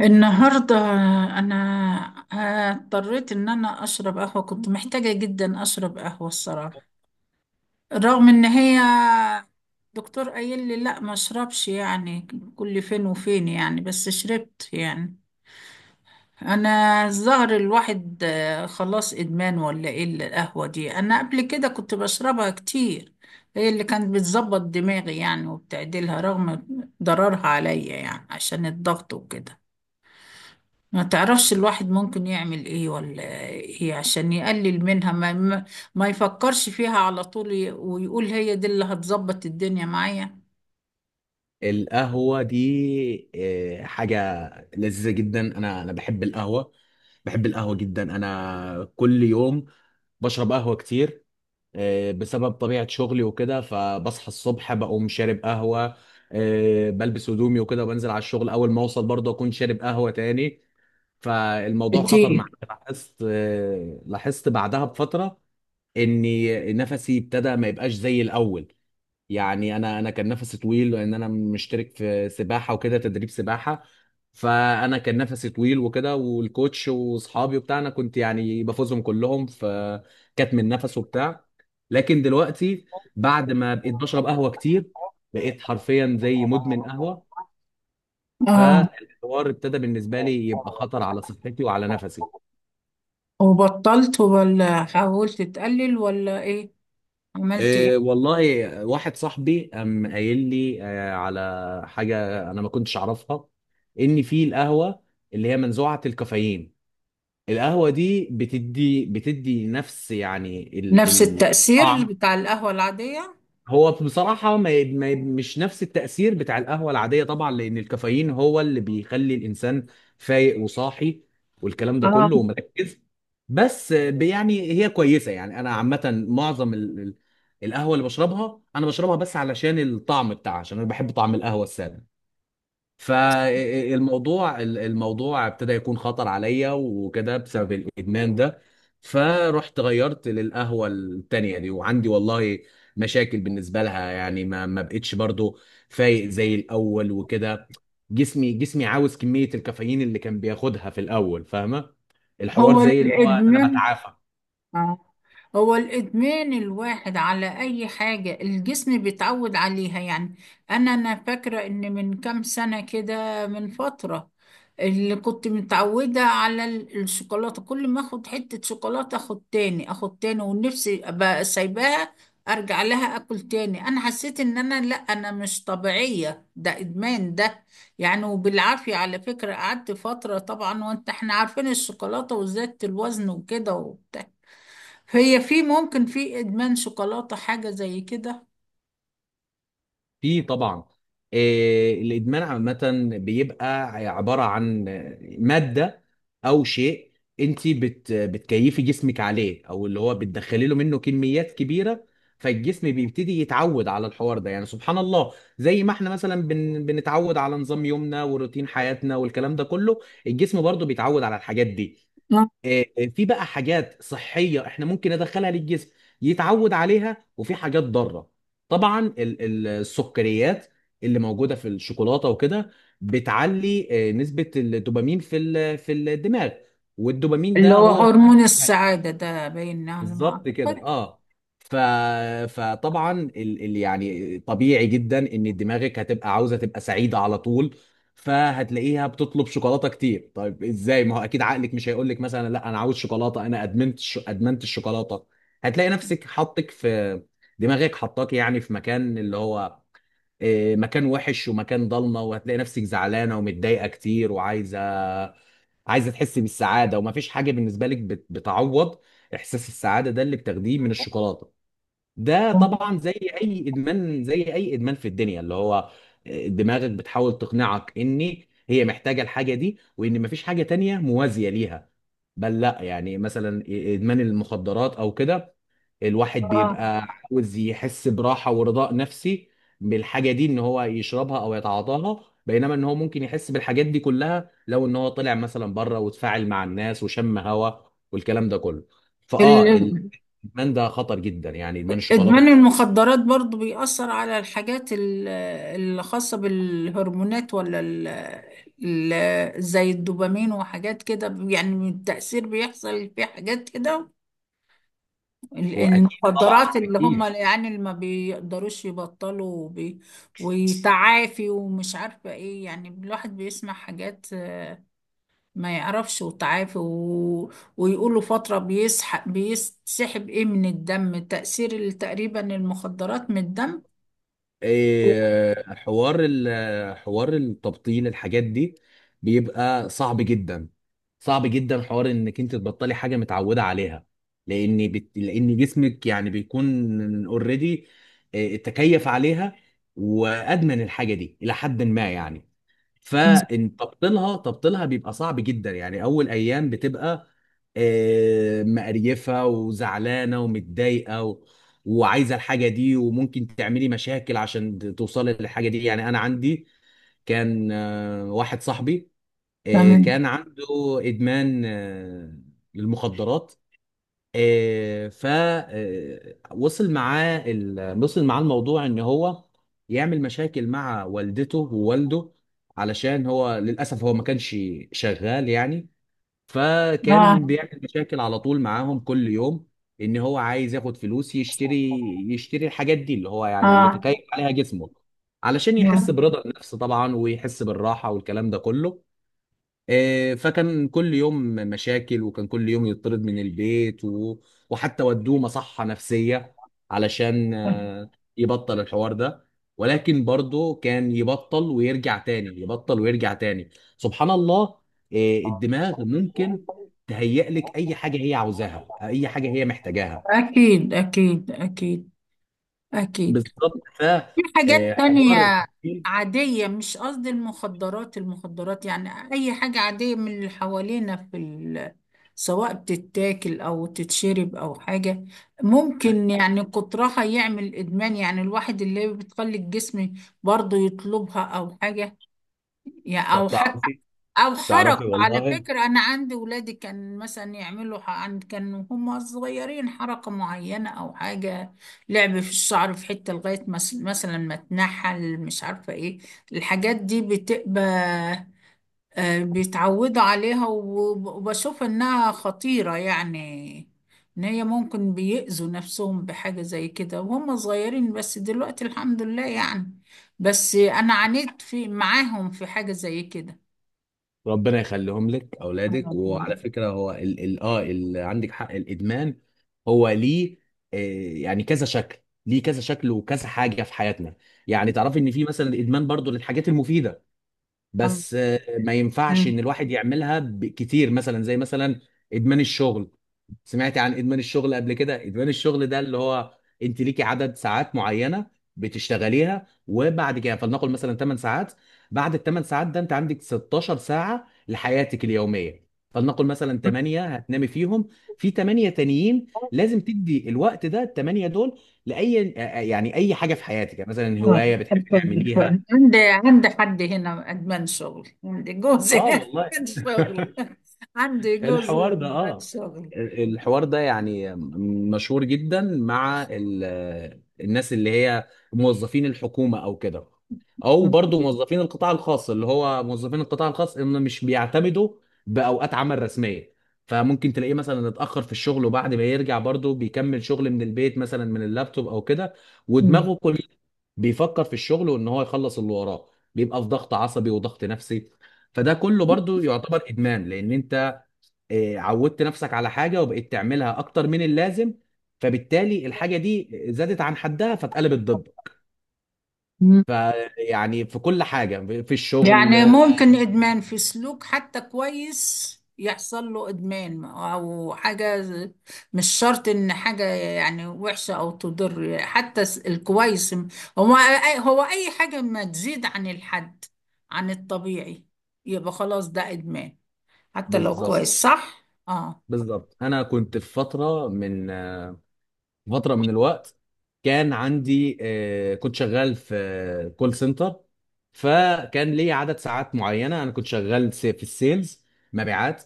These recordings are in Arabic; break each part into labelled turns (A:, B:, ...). A: النهاردة أنا اضطريت إن أنا أشرب قهوة، كنت محتاجة جدا أشرب قهوة الصراحة. رغم إن هي دكتور قايل لي لا ما أشربش يعني، كل فين وفين يعني، بس شربت يعني. أنا الظهر الواحد، خلاص إدمان ولا إيه القهوة دي؟ أنا قبل كده كنت بشربها كتير. هي اللي كانت بتظبط دماغي يعني وبتعدلها، رغم ضررها عليا يعني عشان الضغط وكده. ما تعرفش الواحد ممكن يعمل ايه ولا ايه عشان يقلل منها، ما يفكرش فيها على طول، ويقول هي دي اللي هتظبط الدنيا معايا.
B: القهوة دي حاجة لذيذة جدا. أنا بحب القهوة، بحب القهوة جدا. أنا كل يوم بشرب قهوة كتير، بسبب طبيعة شغلي وكده، فبصحى الصبح بقوم شارب قهوة، بلبس هدومي وكده وبنزل على الشغل. أول ما أوصل برضه أكون شارب قهوة تاني. فالموضوع خطر
A: كتير.
B: معايا، لاحظت، لاحظت بعدها بفترة إني نفسي ابتدى ما يبقاش زي الأول، يعني انا كان نفسي طويل، لان انا مشترك في سباحه وكده، تدريب سباحه. فانا كان نفسي طويل وكده، والكوتش واصحابي وبتاع انا كنت يعني بفوزهم كلهم، فكتم النفس وبتاع. لكن دلوقتي بعد ما بقيت بشرب قهوه كتير بقيت حرفيا زي مدمن قهوه.
A: اه،
B: فالحوار ابتدى بالنسبه لي يبقى خطر على صحتي وعلى نفسي.
A: وبطلت ولا حاولت تقلل ولا ايه؟ عملت
B: إيه
A: ايه؟
B: والله، واحد صاحبي قام قايل لي على حاجة أنا ما كنتش أعرفها، إن في القهوة اللي هي منزوعة الكافيين. القهوة دي بتدي نفس يعني
A: نفس التأثير
B: الطعم.
A: بتاع القهوة العادية.
B: هو بصراحة ما مش نفس التأثير بتاع القهوة العادية طبعا، لأن الكافيين هو اللي بيخلي الإنسان فايق وصاحي والكلام ده
A: اه.
B: كله، ومركز. بس يعني هي كويسة. يعني أنا عامة معظم القهوة اللي بشربها أنا بشربها بس علشان الطعم بتاعها، عشان أنا بحب طعم القهوة السادة. فالموضوع ابتدى يكون خطر عليا وكده بسبب الادمان ده. فرحت غيرت للقهوه التانيه دي، وعندي والله مشاكل بالنسبه لها، يعني ما بقتش برضو فايق زي الاول وكده. جسمي عاوز كميه الكافيين اللي كان بياخدها في الاول، فاهمه؟ الحوار
A: هو
B: زي اللي هو انا
A: الإدمان.
B: بتعافى.
A: آه. هو الإدمان، الواحد على أي حاجة الجسم بيتعود عليها يعني. أنا فاكرة إن من كام سنة كده، من فترة، اللي كنت متعودة على الشوكولاتة، كل ما أخد حتة شوكولاتة أخد تاني أخد تاني ونفسي أبقى سايباها أرجع لها أكل تاني. أنا حسيت إن أنا لأ، أنا مش طبيعية، ده إدمان ده يعني. وبالعافية على فكرة قعدت فترة طبعا، وأنت إحنا عارفين الشوكولاتة، وزادت الوزن وكده وبتاع. هي في ممكن في إدمان شوكولاتة حاجة زي كده؟
B: في طبعا. الادمان عامه بيبقى عباره عن ماده او شيء انت بتكيفي جسمك عليه، او اللي هو بتدخلي له منه كميات كبيره، فالجسم بيبتدي يتعود على الحوار ده. يعني سبحان الله، زي ما احنا مثلا بنتعود على نظام يومنا وروتين حياتنا والكلام ده كله، الجسم برضه بيتعود على الحاجات دي.
A: آه.
B: آه، في بقى حاجات صحية احنا ممكن ندخلها للجسم يتعود عليها، وفي حاجات ضارة. طبعا السكريات اللي موجودة في الشوكولاتة وكده بتعلي نسبة الدوبامين في في الدماغ، والدوبامين
A: اللي
B: ده
A: هو
B: هو
A: هرمون السعادة ده، باين على ما
B: بالظبط كده،
A: أعتقد.
B: اه. ف... فطبعا يعني طبيعي جدا ان دماغك هتبقى عاوزه تبقى سعيده على طول، فهتلاقيها بتطلب شوكولاته كتير. طيب ازاي؟ ما هو اكيد عقلك مش هيقول لك مثلا لا انا عاوز شوكولاته، انا ادمنت ادمنت الشوكولاته. هتلاقي نفسك حطك في، دماغك حطاك يعني في مكان اللي هو مكان وحش ومكان ضلمه، وهتلاقي نفسك زعلانه ومتضايقه كتير وعايزه تحسي بالسعاده، ومفيش حاجه بالنسبه لك بتعوض احساس السعاده ده اللي بتاخديه من الشوكولاته. ده طبعا زي اي ادمان، زي اي ادمان في الدنيا، اللي هو دماغك بتحاول تقنعك ان هي محتاجه الحاجه دي، وان مفيش حاجه تانية موازيه ليها. بل لا، يعني مثلا ادمان المخدرات او كده، الواحد
A: آه.
B: بيبقى عاوز يحس براحه ورضاء نفسي بالحاجه دي، ان هو يشربها او يتعاطاها، بينما ان هو ممكن يحس بالحاجات دي كلها لو ان هو طلع مثلا بره وتفاعل مع الناس وشم هوا والكلام ده كله. فاه
A: ال-
B: الادمان ده خطر جدا، يعني ادمان الشوكولاته
A: إدمان
B: بالذات.
A: المخدرات برضو بيأثر على الحاجات اللي خاصة بالهرمونات ولا زي الدوبامين وحاجات كده يعني؟ التأثير بيحصل في حاجات كده،
B: هو اكيد طبعا،
A: المخدرات اللي هم
B: اكيد.
A: يعني اللي ما بيقدروش يبطلوا ويتعافي، ومش عارفة ايه يعني. الواحد بيسمع حاجات، ما يعرفش وتعافي ويقولوا فترة بيسحب بيسحب ايه من الدم، تأثير تقريبا المخدرات من الدم.
B: إيه، حوار حوار التبطيل الحاجات دي بيبقى صعب جدا. صعب جدا حوار انك انت تبطلي حاجه متعوده عليها، لان لان جسمك يعني بيكون اوريدي تكيف عليها وادمن الحاجه دي الى حد ما، يعني
A: مم.
B: فان تبطيلها بيبقى صعب جدا. يعني اول ايام بتبقى مقريفه وزعلانه ومتضايقه وعايزه الحاجه دي، وممكن تعملي مشاكل عشان توصلي للحاجه دي. يعني انا عندي كان واحد صاحبي
A: تمام.
B: كان عنده ادمان للمخدرات. آه، ف آه، وصل معاه وصل معاه الموضوع ان هو يعمل مشاكل مع والدته ووالده، علشان هو للاسف هو ما كانش شغال يعني،
A: اه.
B: فكان بيعمل مشاكل على طول معاهم كل يوم ان هو عايز ياخد فلوس يشتري، يشتري الحاجات دي اللي هو يعني اللي
A: اه.
B: تكيف عليها جسمه، علشان يحس برضا النفس طبعا، ويحس بالراحة والكلام ده كله. فكان كل يوم مشاكل، وكان كل يوم يطرد من البيت وحتى ودوه مصحة نفسية علشان
A: آه.
B: يبطل الحوار ده، ولكن برضه كان يبطل ويرجع تاني، يبطل ويرجع تاني. سبحان الله، الدماغ ممكن تهيئ لك اي حاجة هي عاوزاها، اي حاجة هي محتاجاها.
A: اكيد، اكيد، اكيد. اكيد.
B: بالظبط.
A: في حاجات
B: فحوار
A: تانية
B: التفكير،
A: عادية، مش قصدي المخدرات، المخدرات يعني أي حاجة عادية من اللي حوالينا في ال... سواء بتتاكل أو تتشرب أو حاجة،
B: آه،
A: ممكن يعني كترها يعمل إدمان يعني، الواحد اللي بتخلي الجسم برضه يطلبها أو حاجة يعني، أو
B: طب
A: حتى
B: تعرفي،
A: او حركوا. على
B: والله
A: فكرة انا عندي ولادي كان مثلا يعملوا، كانوا هم صغيرين، حركة معينة او حاجة، لعب في الشعر في حتة لغاية مثلا ما تنحل، مش عارفة ايه. الحاجات دي بتبقى، بيتعودوا عليها، وبشوف انها خطيرة يعني، ان هي ممكن بيأذوا نفسهم بحاجة زي كده وهم صغيرين. بس دلوقتي الحمد لله يعني، بس انا عانيت في معاهم في حاجة زي كده.
B: ربنا يخليهم لك اولادك. وعلى فكره، هو ال عندك حق، الادمان هو ليه آه يعني كذا شكل. ليه كذا شكل وكذا حاجه في حياتنا؟ يعني تعرفي ان في مثلا الادمان برضو للحاجات المفيده،
A: آه.
B: بس ما ينفعش
A: آه.
B: ان الواحد يعملها كتير، مثلا زي مثلا ادمان الشغل. سمعت عن ادمان الشغل قبل كده؟ ادمان الشغل ده اللي هو انت ليكي عدد ساعات معينه بتشتغليها، وبعد كده فلنقل مثلا 8 ساعات. بعد ال 8 ساعات ده انت عندك 16 ساعه لحياتك اليوميه، فلنقل مثلا 8 هتنامي فيهم، في 8 تانيين لازم تدي الوقت ده ال 8 دول لاي، يعني اي حاجه في حياتك، يعني مثلا
A: آه.
B: هوايه بتحبي تعمليها.
A: عندي عندي حد هنا أدمان شغل، عندي جوزي
B: اه والله.
A: أدمان شغل. عندي جوزي
B: الحوار ده
A: أدمان
B: اه،
A: شغل.
B: الحوار ده يعني مشهور جدا مع الناس اللي هي موظفين الحكومة او كده، او برضو موظفين القطاع الخاص، اللي هو موظفين القطاع الخاص ان مش بيعتمدوا باوقات عمل رسمية، فممكن تلاقيه مثلا اتأخر في الشغل وبعد ما يرجع برضو بيكمل شغل من البيت مثلا من اللابتوب او كده،
A: مم.
B: ودماغه كل بيفكر في الشغل وان هو يخلص اللي وراه. بيبقى في ضغط عصبي وضغط نفسي، فده كله برضو يعتبر ادمان، لان انت عودت نفسك على حاجة وبقيت تعملها أكتر من اللازم، فبالتالي الحاجة دي زادت عن حدها فاتقلبت ضدك.
A: مم.
B: فيعني في كل حاجة في الشغل.
A: يعني ممكن إدمان في سلوك حتى كويس، يحصل له إدمان أو حاجة، مش شرط إن حاجة يعني وحشة أو تضر، حتى الكويس. هو أي حاجة ما تزيد عن الحد، عن الطبيعي، يبقى خلاص ده إدمان حتى لو حصل
B: بالظبط،
A: كويس، صح؟ اه.
B: بالظبط. أنا كنت في فترة من فتره من الوقت، كان عندي، كنت شغال في كول سنتر، فكان لي عدد ساعات معينه. انا كنت شغال في السيلز، مبيعات.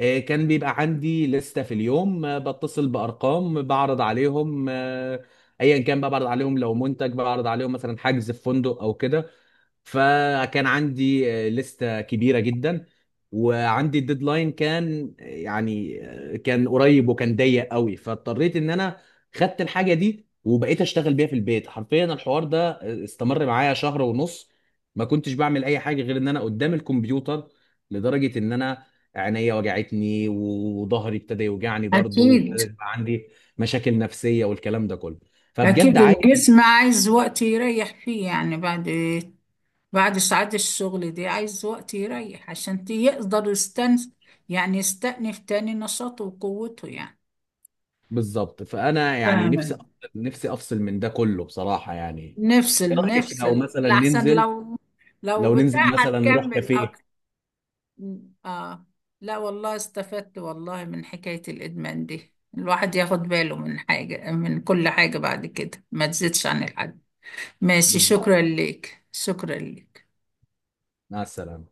B: كان بيبقى عندي لستة في اليوم بتصل بارقام بعرض عليهم، ايا كان بقى بعرض عليهم لو منتج، بعرض عليهم مثلا حجز في فندق او كده. فكان عندي لستة كبيرة جدا، وعندي الديدلاين كان يعني كان قريب وكان ضيق قوي، فاضطريت ان انا خدت الحاجة دي وبقيت اشتغل بيها في البيت حرفيا. الحوار ده استمر معايا شهر ونص. ما كنتش بعمل اي حاجة غير ان انا قدام الكمبيوتر، لدرجة ان انا عينيا وجعتني وظهري ابتدى يوجعني برضه،
A: اكيد. مم.
B: وابتدى يبقى عندي مشاكل نفسية والكلام ده كله. فبجد
A: اكيد
B: عايز،
A: الجسم عايز وقت يريح فيه يعني، بعد ساعات الشغل دي عايز وقت يريح عشان يقدر يعني يستأنف تاني نشاطه وقوته يعني.
B: بالظبط. فانا يعني نفسي
A: تمام.
B: نفسي افصل من ده كله بصراحه، يعني ايه
A: نفصل
B: رايك لو
A: نفصل
B: مثلا
A: لأحسن،
B: ننزل،
A: لو، لو
B: لو
A: بتاع
B: ننزل مثلا نروح
A: هتكمل
B: كافيه؟
A: اكتر. اه. لا والله استفدت والله من حكاية الإدمان دي، الواحد ياخد باله من حاجة، من كل حاجة بعد كده ما تزيدش عن الحد. ماشي،
B: بالظبط.
A: شكرا لك، شكرا لك.
B: مع السلامه.